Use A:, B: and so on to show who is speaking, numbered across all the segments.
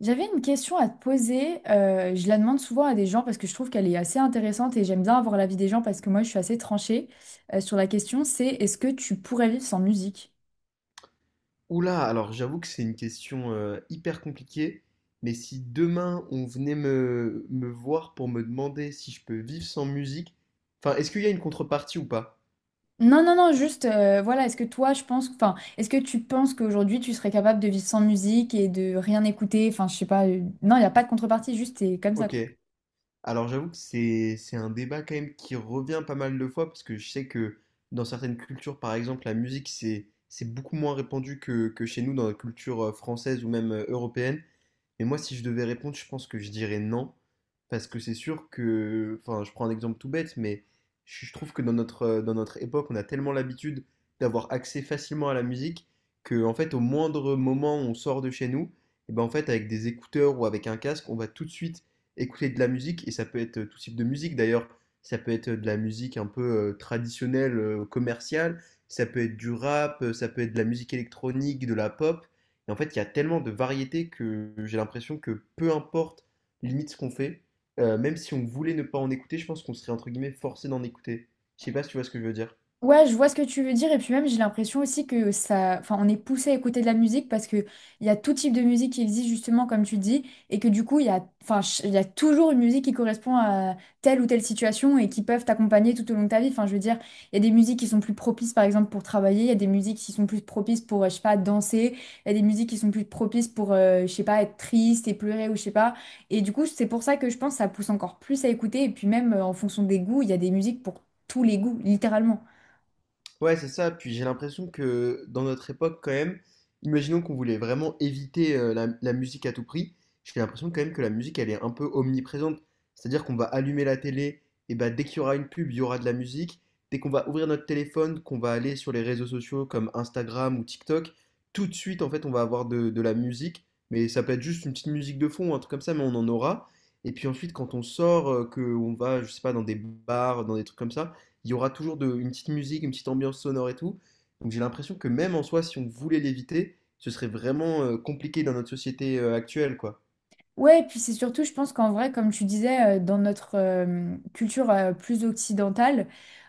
A: J'avais une question à te poser. Je la demande souvent à des gens parce que je trouve qu'elle est assez intéressante et j'aime bien avoir l'avis des gens parce que moi je suis assez tranchée sur la question. C'est est-ce que tu pourrais vivre sans musique?
B: Oula, alors j'avoue que c'est une question hyper compliquée, mais si demain on venait me voir pour me demander si je peux vivre sans musique, enfin, est-ce qu'il y a une contrepartie ou pas?
A: Non, non, non, juste voilà. Est-ce que toi, je pense, enfin, est-ce que tu penses qu'aujourd'hui tu serais capable de vivre sans musique et de rien écouter? Enfin, je sais pas. Non, il n'y a pas de contrepartie. Juste, c'est comme ça.
B: Ok, alors j'avoue que c'est un débat quand même qui revient pas mal de fois, parce que je sais que dans certaines cultures, par exemple, la musique, c'est beaucoup moins répandu que chez nous, dans la culture française ou même européenne. Mais moi, si je devais répondre, je pense que je dirais non. Parce que c'est sûr que, enfin, je prends un exemple tout bête, mais je trouve que dans notre époque, on a tellement l'habitude d'avoir accès facilement à la musique que, en fait, au moindre moment où on sort de chez nous, et ben, en fait, avec des écouteurs ou avec un casque, on va tout de suite écouter de la musique. Et ça peut être tout type de musique d'ailleurs. Ça peut être de la musique un peu traditionnelle, commerciale. Ça peut être du rap, ça peut être de la musique électronique, de la pop. Et en fait, il y a tellement de variétés que j'ai l'impression que peu importe limite ce qu'on fait, même si on voulait ne pas en écouter, je pense qu'on serait entre guillemets forcé d'en écouter. Je sais pas si tu vois ce que je veux dire.
A: Ouais, je vois ce que tu veux dire et puis même j'ai l'impression aussi que ça, enfin, on est poussé à écouter de la musique parce que il y a tout type de musique qui existe justement comme tu dis et que du coup il y a, enfin, il y a toujours une musique qui correspond à telle ou telle situation et qui peuvent t'accompagner tout au long de ta vie. Enfin, je veux dire, il y a des musiques qui sont plus propices par exemple pour travailler, il y a des musiques qui sont plus propices pour, je sais pas, danser, il y a des musiques qui sont plus propices pour, je sais pas, être triste et pleurer ou je sais pas. Et du coup c'est pour ça que je pense que ça pousse encore plus à écouter et puis même en fonction des goûts, il y a des musiques pour tous les goûts littéralement.
B: Ouais, c'est ça. Puis j'ai l'impression que dans notre époque, quand même, imaginons qu'on voulait vraiment éviter la musique à tout prix. J'ai l'impression quand même que la musique, elle est un peu omniprésente. C'est-à-dire qu'on va allumer la télé, et bah dès qu'il y aura une pub, il y aura de la musique. Dès qu'on va ouvrir notre téléphone, qu'on va aller sur les réseaux sociaux comme Instagram ou TikTok, tout de suite, en fait, on va avoir de la musique. Mais ça peut être juste une petite musique de fond, un truc comme ça, mais on en aura. Et puis ensuite, quand on sort, que on va, je sais pas, dans des bars, dans des trucs comme ça il y aura toujours une petite musique, une petite ambiance sonore et tout. Donc j'ai l'impression que même en soi, si on voulait l'éviter, ce serait vraiment compliqué dans notre société actuelle, quoi.
A: Ouais, et puis c'est surtout, je pense qu'en vrai, comme tu disais, dans notre culture plus occidentale,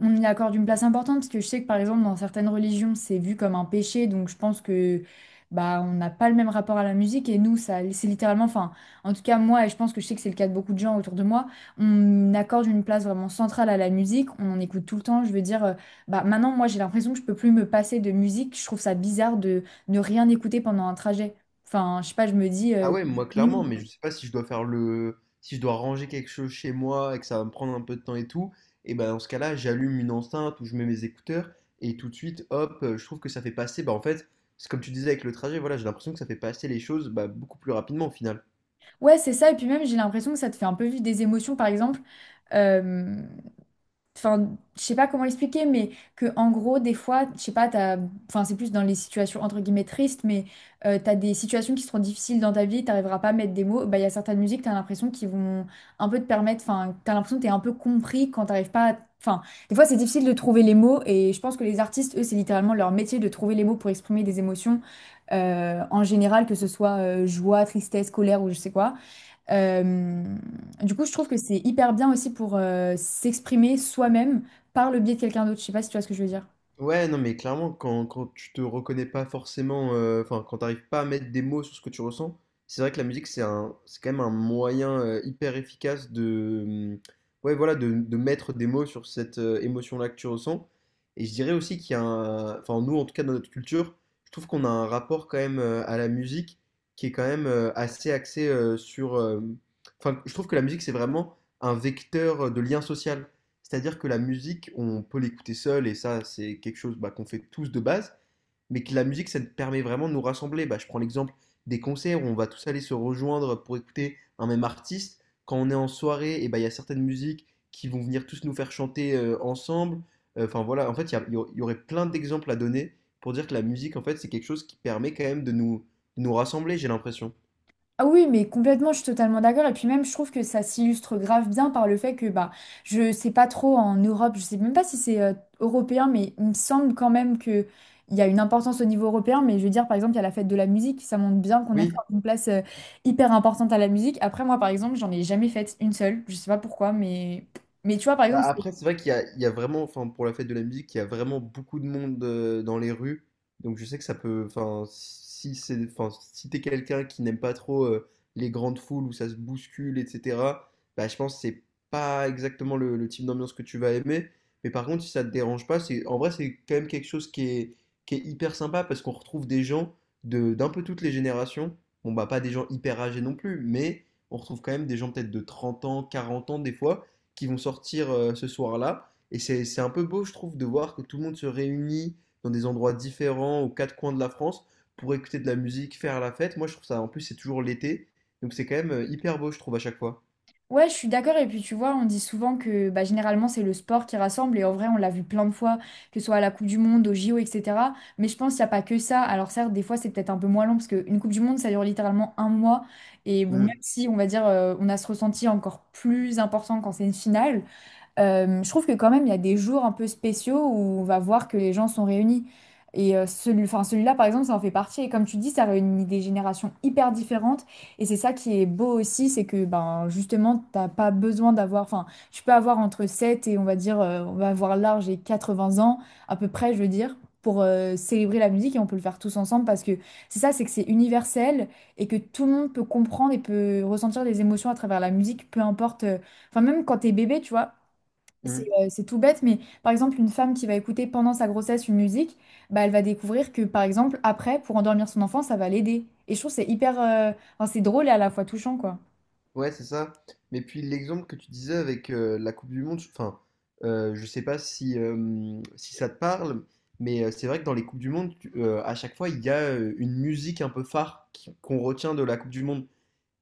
A: on y accorde une place importante parce que je sais que par exemple, dans certaines religions, c'est vu comme un péché, donc je pense que bah on n'a pas le même rapport à la musique et nous, ça, c'est littéralement, enfin, en tout cas moi, et je pense que je sais que c'est le cas de beaucoup de gens autour de moi, on accorde une place vraiment centrale à la musique, on en écoute tout le temps. Je veux dire, bah maintenant, moi, j'ai l'impression que je peux plus me passer de musique. Je trouve ça bizarre de ne rien écouter pendant un trajet. Enfin, je sais pas, je me dis.
B: Ah
A: euh,
B: ouais, moi clairement, mais je sais pas si je dois si je dois ranger quelque chose chez moi et que ça va me prendre un peu de temps et tout, et ben dans ce cas-là, j'allume une enceinte ou je mets mes écouteurs et tout de suite, hop, je trouve que ça fait passer, bah en fait, c'est comme tu disais avec le trajet, voilà, j'ai l'impression que ça fait passer les choses bah, beaucoup plus rapidement au final.
A: Ouais, c'est ça. Et puis même, j'ai l'impression que ça te fait un peu vivre des émotions, par exemple. euh, Enfin, je sais pas comment expliquer, mais que en gros, des fois, je sais pas, t'as... Enfin, c'est plus dans les situations entre guillemets tristes, mais t'as des situations qui seront difficiles dans ta vie, t'arriveras pas à mettre des mots. Bah, il y a certaines musiques, t'as l'impression qu'ils vont un peu te permettre. Enfin, t'as l'impression que t'es un peu compris quand t'arrives pas. Enfin, des fois, c'est difficile de trouver les mots, et je pense que les artistes, eux, c'est littéralement leur métier de trouver les mots pour exprimer des émotions en général, que ce soit joie, tristesse, colère ou je sais quoi. Euh, du coup, je trouve que c'est hyper bien aussi pour s'exprimer soi-même par le biais de quelqu'un d'autre. Je sais pas si tu vois ce que je veux dire.
B: Ouais, non, mais clairement, quand tu te reconnais pas forcément, enfin, quand t'arrives pas à mettre des mots sur ce que tu ressens, c'est vrai que la musique, c'est quand même un moyen hyper efficace ouais, voilà, de mettre des mots sur cette émotion-là que tu ressens. Et je dirais aussi qu'il y a un, enfin, nous, en tout cas, dans notre culture, je trouve qu'on a un rapport quand même à la musique qui est quand même assez axé enfin, je trouve que la musique, c'est vraiment un vecteur de lien social. C'est-à-dire que la musique, on peut l'écouter seul, et ça, c'est quelque chose bah, qu'on fait tous de base, mais que la musique, ça permet vraiment de nous rassembler. Bah, je prends l'exemple des concerts où on va tous aller se rejoindre pour écouter un même artiste. Quand on est en soirée, et bah, il y a certaines musiques qui vont venir tous nous faire chanter ensemble. Enfin voilà, en fait, il y, a- il y aurait plein d'exemples à donner pour dire que la musique, en fait, c'est quelque chose qui permet quand même de nous rassembler, j'ai l'impression.
A: Ah oui, mais complètement, je suis totalement d'accord. Et puis même, je trouve que ça s'illustre grave bien par le fait que bah, je sais pas trop en Europe, je sais même pas si c'est européen, mais il me semble quand même que il y a une importance au niveau européen. Mais je veux dire, par exemple, il y a la fête de la musique, ça montre bien qu'on
B: Oui.
A: accorde une place hyper importante à la musique. Après, moi, par exemple, j'en ai jamais faite une seule. Je sais pas pourquoi, mais tu vois, par
B: Bah,
A: exemple.
B: après, c'est vrai qu'il y a, il y a vraiment, enfin, pour la fête de la musique, il y a vraiment beaucoup de monde dans les rues. Donc, je sais que ça peut, enfin, si c'est, enfin, si t'es quelqu'un qui n'aime pas trop les grandes foules où ça se bouscule, etc., bah, je pense que c'est pas exactement le type d'ambiance que tu vas aimer. Mais par contre, si ça te dérange pas, en vrai, c'est quand même quelque chose qui est hyper sympa parce qu'on retrouve des gens de, d'un peu toutes les générations. Bon, bah, pas des gens hyper âgés non plus, mais on retrouve quand même des gens peut-être de 30 ans, 40 ans des fois qui vont sortir ce soir-là. Et c'est un peu beau, je trouve, de voir que tout le monde se réunit dans des endroits différents, aux quatre coins de la France, pour écouter de la musique, faire la fête. Moi, je trouve ça, en plus, c'est toujours l'été. Donc, c'est quand même hyper beau, je trouve, à chaque fois.
A: Ouais, je suis d'accord. Et puis tu vois, on dit souvent que bah, généralement c'est le sport qui rassemble. Et en vrai, on l'a vu plein de fois, que ce soit à la Coupe du Monde, au JO, etc. Mais je pense qu'il n'y a pas que ça. Alors certes, des fois c'est peut-être un peu moins long parce qu'une Coupe du Monde, ça dure littéralement un mois. Et bon, même
B: Mm,
A: si on va dire, on a ce ressenti encore plus important quand c'est une finale. Je trouve que quand même, il y a des jours un peu spéciaux où on va voir que les gens sont réunis. Et celui, enfin, celui-là, par exemple, ça en fait partie. Et comme tu dis, ça réunit des générations hyper différentes. Et c'est ça qui est beau aussi, c'est que ben, justement, t'as pas besoin d'avoir... Enfin, tu peux avoir entre 7 et on va dire, on va avoir large et 80 ans, à peu près, je veux dire, pour célébrer la musique. Et on peut le faire tous ensemble parce que c'est ça, c'est que c'est universel et que tout le monde peut comprendre et peut ressentir des émotions à travers la musique, peu importe... Enfin, même quand t'es bébé, tu vois. C'est
B: mm.
A: euh, c'est tout bête, mais par exemple, une femme qui va écouter pendant sa grossesse une musique, bah, elle va découvrir que, par exemple, après, pour endormir son enfant, ça va l'aider. Et je trouve que c'est hyper... enfin, c'est drôle et à la fois touchant, quoi.
B: Ouais, c'est ça. Mais puis, l'exemple que tu disais avec la Coupe du Monde, je sais pas si ça te parle, mais c'est vrai que dans les Coupes du Monde, à chaque fois, il y a une musique un peu phare qu'on retient de la Coupe du Monde.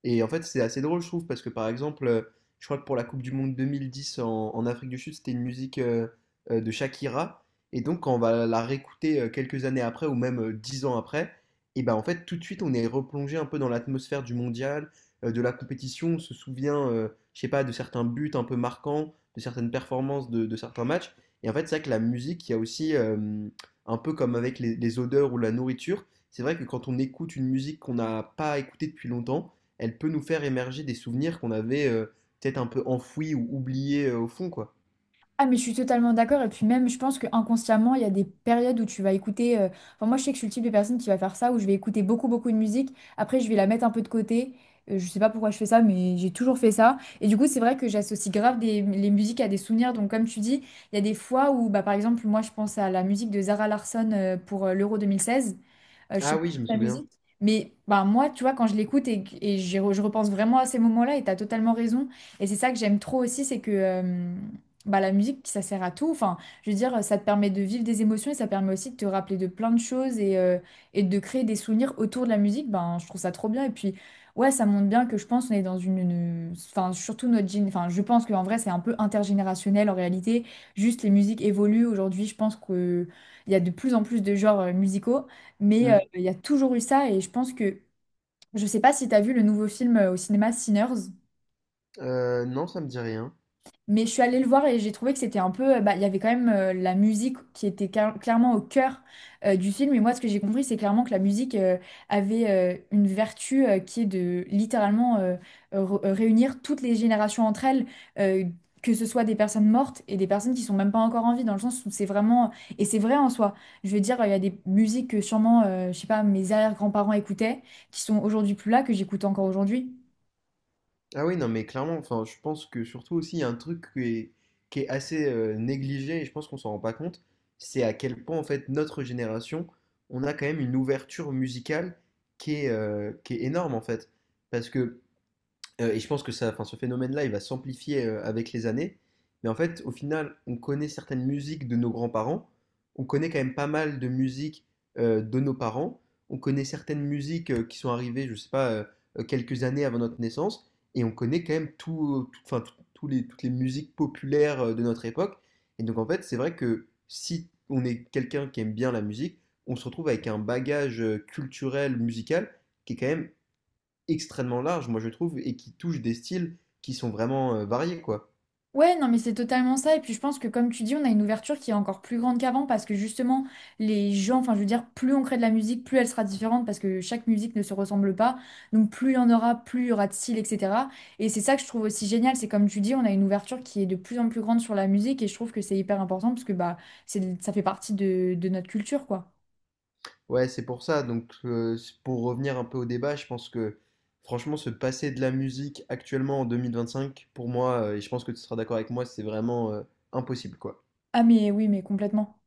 B: Et en fait, c'est assez drôle, je trouve, parce que par exemple, je crois que pour la Coupe du Monde 2010 en Afrique du Sud, c'était une musique de Shakira. Et donc, quand on va la réécouter quelques années après, ou même 10 ans après, et ben en fait, tout de suite, on est replongé un peu dans l'atmosphère du mondial, de la compétition. On se souvient, je sais pas, de certains buts un peu marquants, de certaines performances, de certains matchs. Et en fait, c'est vrai que la musique, il y a aussi, un peu comme avec les odeurs ou la nourriture, c'est vrai que quand on écoute une musique qu'on n'a pas écoutée depuis longtemps, elle peut nous faire émerger des souvenirs qu'on avait peut-être un peu enfouis ou oubliés au fond, quoi.
A: Ah, mais je suis totalement d'accord. Et puis même, je pense que inconsciemment, il y a des périodes où tu vas écouter... Enfin, moi, je sais que je suis le type de personne qui va faire ça, où je vais écouter beaucoup, beaucoup de musique. Après, je vais la mettre un peu de côté. Je sais pas pourquoi je fais ça, mais j'ai toujours fait ça. Et du coup, c'est vrai que j'associe grave les musiques à des souvenirs. Donc, comme tu dis, il y a des fois où, bah, par exemple, moi, je pense à la musique de Zara Larsson pour l'Euro 2016. Je sais
B: Ah
A: plus
B: oui, je me
A: la
B: souviens.
A: musique. Mais ben, moi, tu vois, quand je l'écoute et je repense vraiment à ces moments-là, et tu as totalement raison. Et c'est ça que j'aime trop aussi, c'est que bah, la musique, ça sert à tout. Enfin, je veux dire, ça te permet de vivre des émotions et ça permet aussi de te rappeler de plein de choses et de créer des souvenirs autour de la musique. Ben, je trouve ça trop bien. Et puis, ouais, ça montre bien que je pense qu'on est dans une... Enfin, surtout notre... Enfin, je pense qu'en vrai, c'est un peu intergénérationnel en réalité. Juste, les musiques évoluent. Aujourd'hui, je pense que il y a de plus en plus de genres musicaux mais
B: Hmm.
A: il y a toujours eu ça et je pense que, je sais pas si tu as vu le nouveau film au cinéma Sinners.
B: Non, ça me dit rien.
A: Mais je suis allée le voir et j'ai trouvé que c'était un peu, bah, il y avait quand même la musique qui était clairement au cœur du film. Et moi, ce que j'ai compris, c'est clairement que la musique avait une vertu qui est de littéralement réunir toutes les générations entre elles, euh, que ce soit des personnes mortes et des personnes qui sont même pas encore en vie, dans le sens où c'est vraiment, et c'est vrai en soi. Je veux dire, il y a des musiques que sûrement, je sais pas, mes arrière-grands-parents écoutaient, qui sont aujourd'hui plus là, que j'écoute encore aujourd'hui.
B: Ah oui, non, mais clairement, enfin, je pense que surtout aussi, il y a un truc qui est assez négligé et je pense qu'on s'en rend pas compte, c'est à quel point, en fait, notre génération, on a quand même une ouverture musicale qui est énorme, en fait. Parce que et je pense que ça, enfin, ce phénomène-là, il va s'amplifier avec les années. Mais en fait, au final, on connaît certaines musiques de nos grands-parents. On connaît quand même pas mal de musiques de nos parents. On connaît certaines musiques qui sont arrivées, je sais pas, quelques années avant notre naissance. Et on connaît quand même toutes les musiques populaires de notre époque. Et donc, en fait, c'est vrai que si on est quelqu'un qui aime bien la musique, on se retrouve avec un bagage culturel, musical, qui est quand même extrêmement large, moi je trouve, et qui touche des styles qui sont vraiment variés, quoi.
A: Ouais, non, mais c'est totalement ça. Et puis je pense que comme tu dis, on a une ouverture qui est encore plus grande qu'avant parce que justement, les gens, enfin je veux dire, plus on crée de la musique, plus elle sera différente parce que chaque musique ne se ressemble pas. Donc plus il y en aura, plus il y aura de style, etc. Et c'est ça que je trouve aussi génial. C'est comme tu dis, on a une ouverture qui est de plus en plus grande sur la musique et je trouve que c'est hyper important parce que bah, c'est, ça fait partie de notre culture, quoi.
B: Ouais, c'est pour ça. Donc, pour revenir un peu au débat, je pense que franchement, se passer de la musique actuellement en 2025, pour moi, et je pense que tu seras d'accord avec moi, c'est vraiment impossible, quoi.
A: Ah mais oui, mais complètement.